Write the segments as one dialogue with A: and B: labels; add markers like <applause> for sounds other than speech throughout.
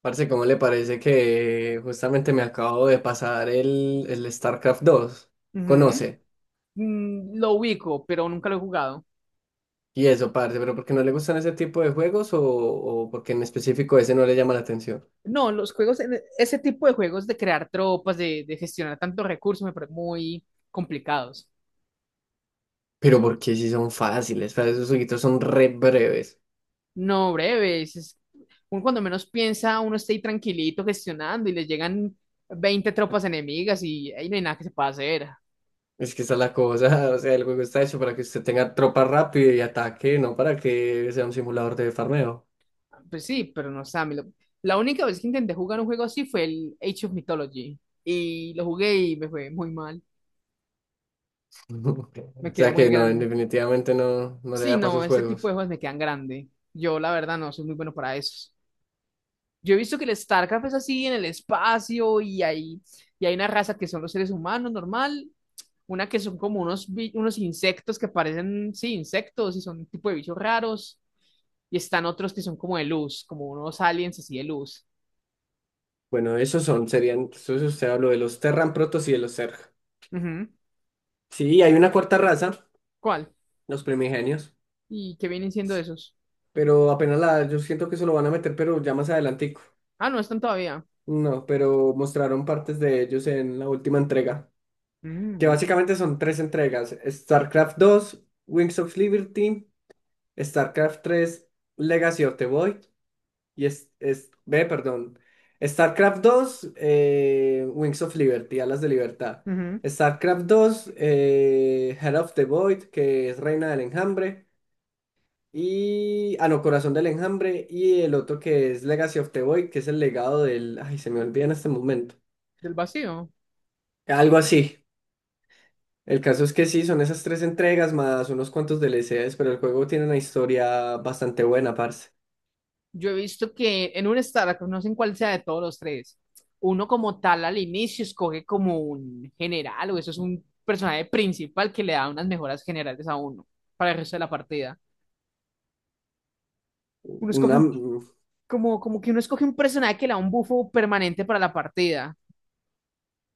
A: Parce, ¿cómo le parece que justamente me acabo de pasar el StarCraft 2?
B: Ujú.
A: Conoce.
B: Mm, lo ubico, pero nunca lo he jugado.
A: Y eso, parce, pero ¿por qué no le gustan ese tipo de juegos o porque en específico ese no le llama la atención?
B: No, los juegos, ese tipo de juegos de crear tropas, de gestionar tantos recursos, me parecen muy complicados.
A: Pero porque sí son fáciles, parce, esos jueguitos son re breves.
B: No, breves. Uno cuando menos piensa, uno está ahí tranquilito gestionando y le llegan 20 tropas enemigas y ahí no hay nada que se pueda hacer.
A: Es que esa es la cosa, <laughs> o sea, el juego está hecho para que usted tenga tropa rápida y ataque, no para que sea un simulador de farmeo. <laughs>
B: Pues sí, pero no sé. La única vez que intenté jugar un juego así fue el Age of Mythology y lo jugué y me fue muy mal. Me
A: O
B: quedó
A: sea
B: muy
A: que no,
B: grande.
A: definitivamente no, no le
B: Sí,
A: da para
B: no,
A: sus
B: ese tipo de
A: juegos.
B: juegos me quedan grande. Yo, la verdad, no soy muy bueno para esos. Yo he visto que el StarCraft es así en el espacio y hay una raza que son los seres humanos normal, una que son como unos insectos que parecen, sí, insectos y son un tipo de bichos raros. Y están otros que son como de luz, como unos aliens así de luz.
A: Bueno, esos son, serían, entonces usted habló de los Terran Protoss y de los Zerg.
B: Ujú.
A: Sí, hay una cuarta raza,
B: ¿Cuál?
A: los primigenios,
B: ¿Y qué vienen siendo esos?
A: pero apenas la, yo siento que se lo van a meter, pero ya más adelantico.
B: Ah, no están todavía.
A: No, pero mostraron partes de ellos en la última entrega, que
B: Mm,
A: básicamente son tres entregas, StarCraft dos, Wings of Liberty, StarCraft 3, Legacy of the Void, y ve, perdón, StarCraft dos, Wings of Liberty, Alas de Libertad,
B: ujú.
A: StarCraft dos, Head of the Void, que es Reina del Enjambre, y. Ah, no, Corazón del Enjambre. Y el otro que es Legacy of the Void, que es el legado del. Ay, se me olvida en este momento.
B: Del vacío.
A: Algo así. El caso es que sí, son esas tres entregas más unos cuantos DLCs, pero el juego tiene una historia bastante buena, parce.
B: Yo he visto que en un startup, no sé en cuál sea de todos los tres, uno como tal al inicio escoge como un general o eso es un personaje principal que le da unas mejoras generales a uno para el resto de la partida. Uno escoge
A: Una...
B: un- Como, como que uno escoge un personaje que le da un bufo permanente para la partida.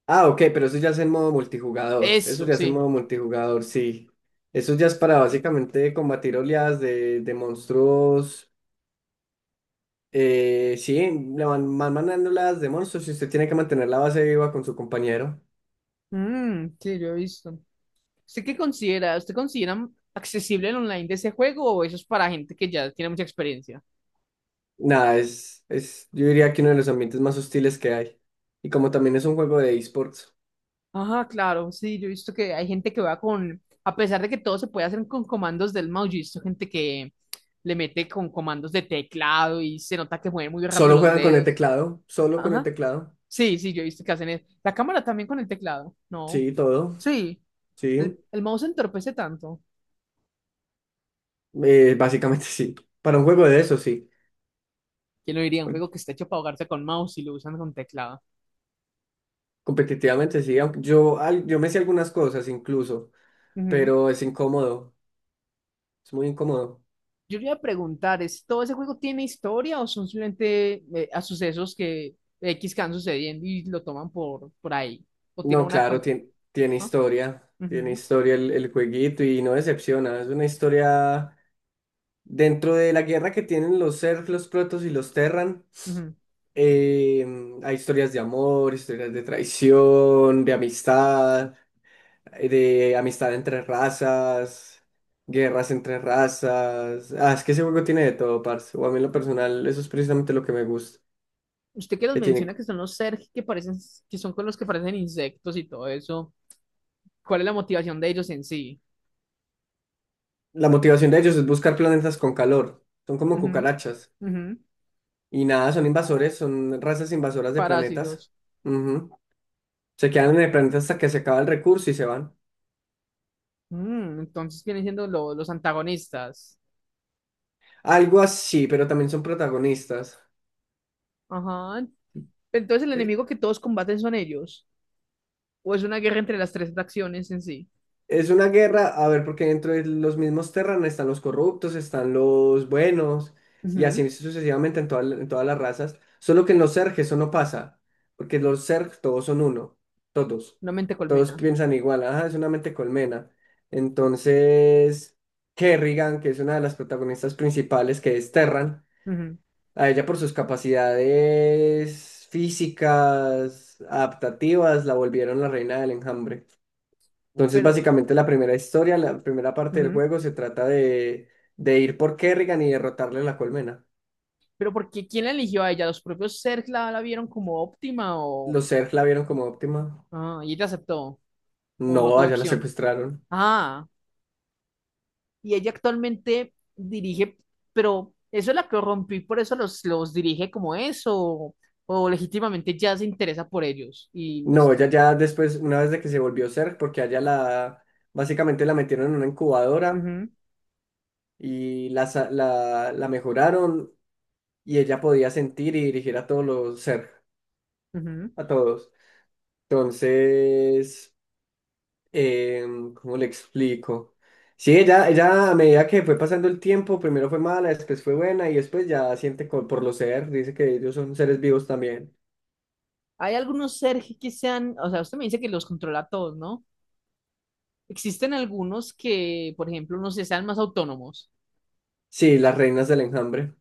A: Ah, ok, pero eso ya es en modo multijugador. Eso
B: Eso,
A: ya es en
B: sí.
A: modo multijugador, sí. Eso ya es para básicamente combatir oleadas de monstruos. Sí, van mandando oleadas de monstruos y usted tiene que mantener la base viva con su compañero.
B: Mm, sí, yo he visto. ¿Usted qué considera? ¿Usted considera accesible el online de ese juego o eso es para gente que ya tiene mucha experiencia?
A: Nada, yo diría que uno de los ambientes más hostiles que hay. Y como también es un juego de esports,
B: Ajá, claro, sí, yo he visto que hay gente que va con, a pesar de que todo se puede hacer con comandos del mouse, yo he visto gente que le mete con comandos de teclado y se nota que mueven muy rápido
A: solo
B: los
A: juegan con el
B: dedos.
A: teclado, solo con el
B: Ajá,
A: teclado.
B: sí, sí, yo he visto que hacen eso. La cámara también con el teclado, no.
A: Sí, todo,
B: Sí,
A: sí.
B: el mouse entorpece tanto.
A: Básicamente <laughs> sí. Para un juego de eso, sí.
B: ¿Quién lo diría? Un juego que está hecho para ahogarse con mouse y lo usan con teclado.
A: Competitivamente sí, aunque yo me sé algunas cosas incluso,
B: Ujú.
A: pero es incómodo, es muy incómodo.
B: Yo le iba a preguntar, ¿todo ese juego tiene historia o son simplemente a sucesos que X que van sucediendo y lo toman por ahí? ¿O tiene
A: No,
B: una...
A: claro, tiene,
B: ¿Ah?
A: tiene
B: Ujú,
A: historia el jueguito y no decepciona. Es una historia dentro de la guerra que tienen los Zerg, los Protoss y los Terran.
B: ujú.
A: Eh, Hay historias de amor, historias de traición, de amistad entre razas, guerras entre razas. Ah, es que ese juego tiene de todo, parce. O a mí en lo personal, eso es precisamente lo que me gusta.
B: Usted que los
A: Que tiene...
B: menciona que son los Zerg que parecen, que son con los que parecen insectos y todo eso, ¿cuál es la motivación de ellos en sí?
A: La motivación de ellos es buscar planetas con calor. Son como
B: Ujú,
A: cucarachas.
B: ujú.
A: Y nada, son invasores, son razas invasoras de planetas.
B: Parásitos.
A: Ujú. Se quedan en el planeta hasta que se acaba el recurso y se van.
B: Mm, entonces vienen siendo los antagonistas.
A: Algo así, pero también son protagonistas.
B: Ajá. Entonces el enemigo que todos combaten son ellos. ¿O es una guerra entre las tres facciones en sí?
A: Es una guerra, a ver, porque dentro de los mismos Terran están los corruptos, están los buenos, y así sucesivamente en, en todas las razas. Solo que en los Zerg eso no pasa, porque los Zerg todos son uno, todos.
B: Una mente
A: Todos
B: colmena.
A: piensan igual, ajá, es una mente colmena. Entonces, Kerrigan, que es una de las protagonistas principales, que es Terran,
B: Ujú.
A: a ella por sus capacidades físicas, adaptativas, la volvieron la reina del enjambre. Entonces,
B: Pero,
A: básicamente la primera historia, la primera parte del
B: ujú.
A: juego se trata de ir por Kerrigan y derrotarle la colmena.
B: Pero ¿por qué? ¿Quién la eligió a ella? ¿Los propios Zerg la vieron como óptima o...?
A: Los Zerg la vieron como óptima.
B: Ah, y ella aceptó, o no
A: No,
B: tuvo
A: allá la
B: opción.
A: secuestraron.
B: Ah, y ella actualmente dirige, pero eso la corrompió y por eso los dirige como eso, o legítimamente ya se interesa por ellos. Y
A: No,
B: los...
A: ella ya después, una vez de que se volvió Zerg, porque allá la, básicamente la metieron en una incubadora y la mejoraron y ella podía sentir y dirigir a todos los Zerg,
B: Ujú, ujú.
A: a todos. Entonces... Eh, ¿Cómo le explico? Sí, ella a medida que fue pasando el tiempo, primero fue mala, después fue buena y después ya siente por los seres, dice que ellos son seres vivos también.
B: Hay algunos Zerg que sean, o sea, usted me dice que los controla a todos, ¿no? Existen algunos que, por ejemplo, no sé, sean más autónomos.
A: Sí, las reinas del enjambre,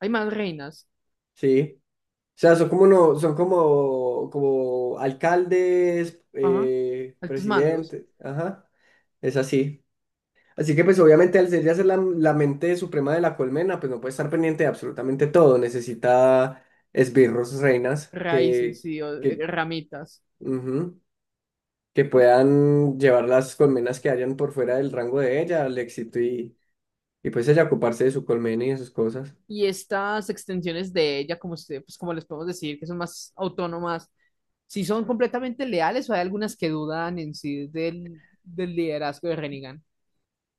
B: Hay más reinas.
A: sí. O sea, son como, no, son como, como alcaldes,
B: Ajá. Altos mandos,
A: presidentes, ajá, es así. Así que pues obviamente al ser la mente suprema de la colmena, pues no puede estar pendiente de absolutamente todo, necesita esbirros, reinas,
B: raíces y
A: que
B: ramitas.
A: Ujú. Que
B: Y
A: puedan llevar las colmenas que hayan por fuera del rango de ella al éxito y pues ella ocuparse de su colmena y de sus cosas.
B: estas extensiones de ella, como usted pues como les podemos decir, que son más autónomas, si son completamente leales o hay algunas que dudan en sí del liderazgo de Rennigan.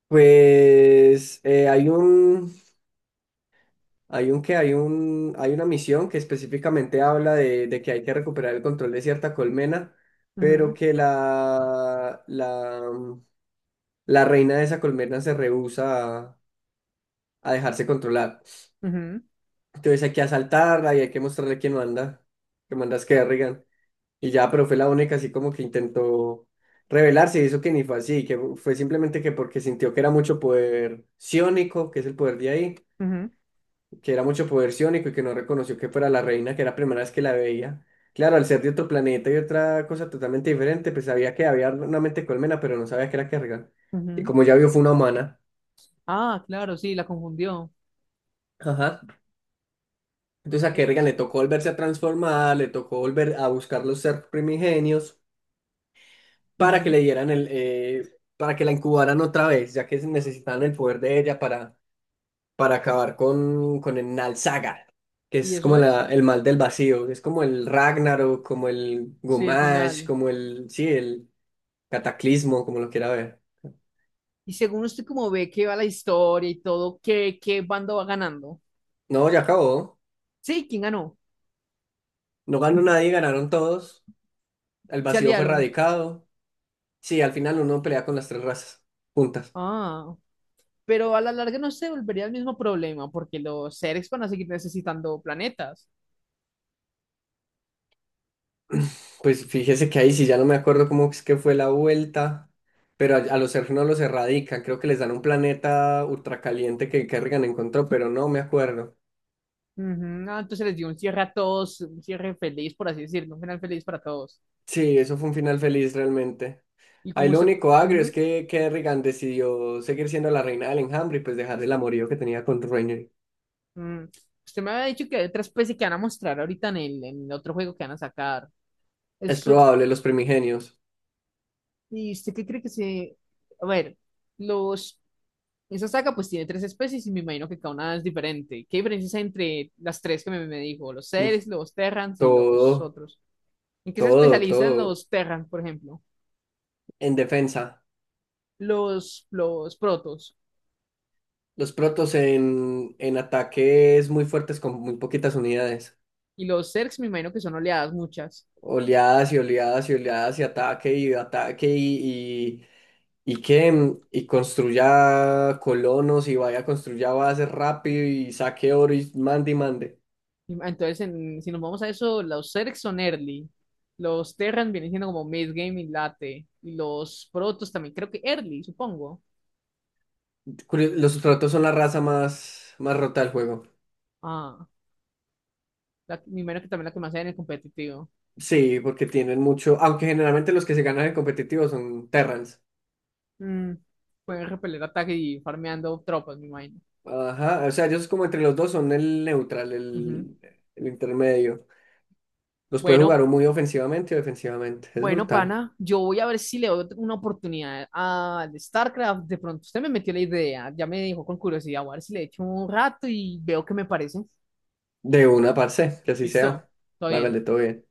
A: Pues hay un que hay un, hay una misión que específicamente habla de que hay que recuperar el control de cierta colmena,
B: Ujú,
A: pero que la reina de esa colmena se rehúsa a dejarse controlar.
B: ujú,
A: Entonces hay que asaltarla y hay que mostrarle quién manda, que manda es Kerrigan. Y ya, pero fue la única así como que intentó rebelarse y eso que ni fue así, que fue simplemente que porque sintió que era mucho poder ciónico, que es el poder de ahí, que era mucho poder ciónico y que no reconoció que fuera la reina, que era la primera vez que la veía. Claro, al ser de otro planeta y otra cosa totalmente diferente, pues sabía que había una mente colmena, pero no sabía que era Kerrigan.
B: ujú, ujú.
A: Y como ya vio, fue una humana.
B: Ah, claro, sí, la confundió.
A: Ajá. Entonces a
B: Eh,
A: Kerrigan le tocó volverse a transformar, le tocó volver a buscar los ser primigenios. Para que
B: ujú.
A: le dieran el, para que la incubaran otra vez, ya que necesitaban el poder de ella para acabar con el Nalsaga, que
B: ¿Y
A: es como
B: eso es?
A: la, el mal del vacío, es como el Ragnarok, como el
B: Sí, el
A: Gumash,
B: final.
A: como el, sí, el Cataclismo, como lo quiera ver.
B: Y según usted como ve que va la historia y todo, ¿qué bando va ganando?
A: No, ya acabó,
B: Sí, ¿quién ganó?
A: no ganó nadie, ganaron todos, el
B: Se
A: vacío fue
B: aliaron.
A: erradicado, sí, al final uno pelea con las tres razas juntas.
B: Ah, pero a la larga no se volvería el mismo problema porque los seres van a seguir necesitando planetas.
A: Pues fíjese que ahí sí ya no me acuerdo cómo es que fue la vuelta, pero a los elfos no los erradican, creo que les dan un planeta ultracaliente que Kerrigan encontró, pero no me acuerdo.
B: Ujú, ah, entonces les dio un cierre a todos, un cierre feliz, por así decirlo, un final feliz para todos.
A: Sí, eso fue un final feliz realmente.
B: Y
A: Ahí
B: como
A: lo
B: usted,
A: único agrio es
B: ujú,
A: que Kerrigan decidió seguir siendo la reina del enjambre y pues dejar el amorío que tenía con Rhaenyra.
B: mm, usted me había dicho que hay otra especie que van a mostrar ahorita en en el otro juego que van a sacar.
A: Es
B: Eso,
A: probable, los primigenios.
B: ¿y usted qué cree que se... A ver, los... Esa saga pues tiene tres especies y me imagino que cada una es diferente. ¿Qué diferencias hay entre las tres que me dijo? Los
A: Mm,
B: seres, los Terrans y los
A: Todo,
B: otros. ¿En qué se
A: todo,
B: especializan
A: todo
B: los Terran, por ejemplo?
A: en defensa.
B: Los Protos
A: Los protos en ataque es muy fuertes con muy poquitas unidades.
B: y los Zergs, me imagino que son oleadas muchas.
A: Oleadas y oleadas y oleadas y ataque y ataque y que y construya colonos y vaya construya bases rápido y saque oro y mande y mande.
B: Entonces, si nos vamos a eso, los Zergs son early. Los Terran vienen siendo como mid game y late. Y los Protos también, creo que early, supongo.
A: Los sustratos son la raza más rota del juego.
B: Ah, la, me imagino que también la que más hay en el competitivo.
A: Sí, porque tienen mucho, aunque generalmente los que se ganan en competitivo son Terrans.
B: Mm, pueden repeler ataque y ir farmeando tropas, me imagino.
A: Ajá, o sea, ellos como entre los dos son el neutral,
B: Ujú.
A: el, intermedio. Los puede jugar
B: Bueno,
A: o muy ofensivamente o defensivamente. Es
B: Bueno,
A: brutal.
B: pana, yo voy a ver si le doy una oportunidad a StarCraft. De pronto usted me metió la idea, ya me dijo con curiosidad, voy a ver si le echo un rato y veo qué me parece.
A: De una, parce, que así
B: Listo,
A: sea.
B: todo bien.
A: Hágale todo bien.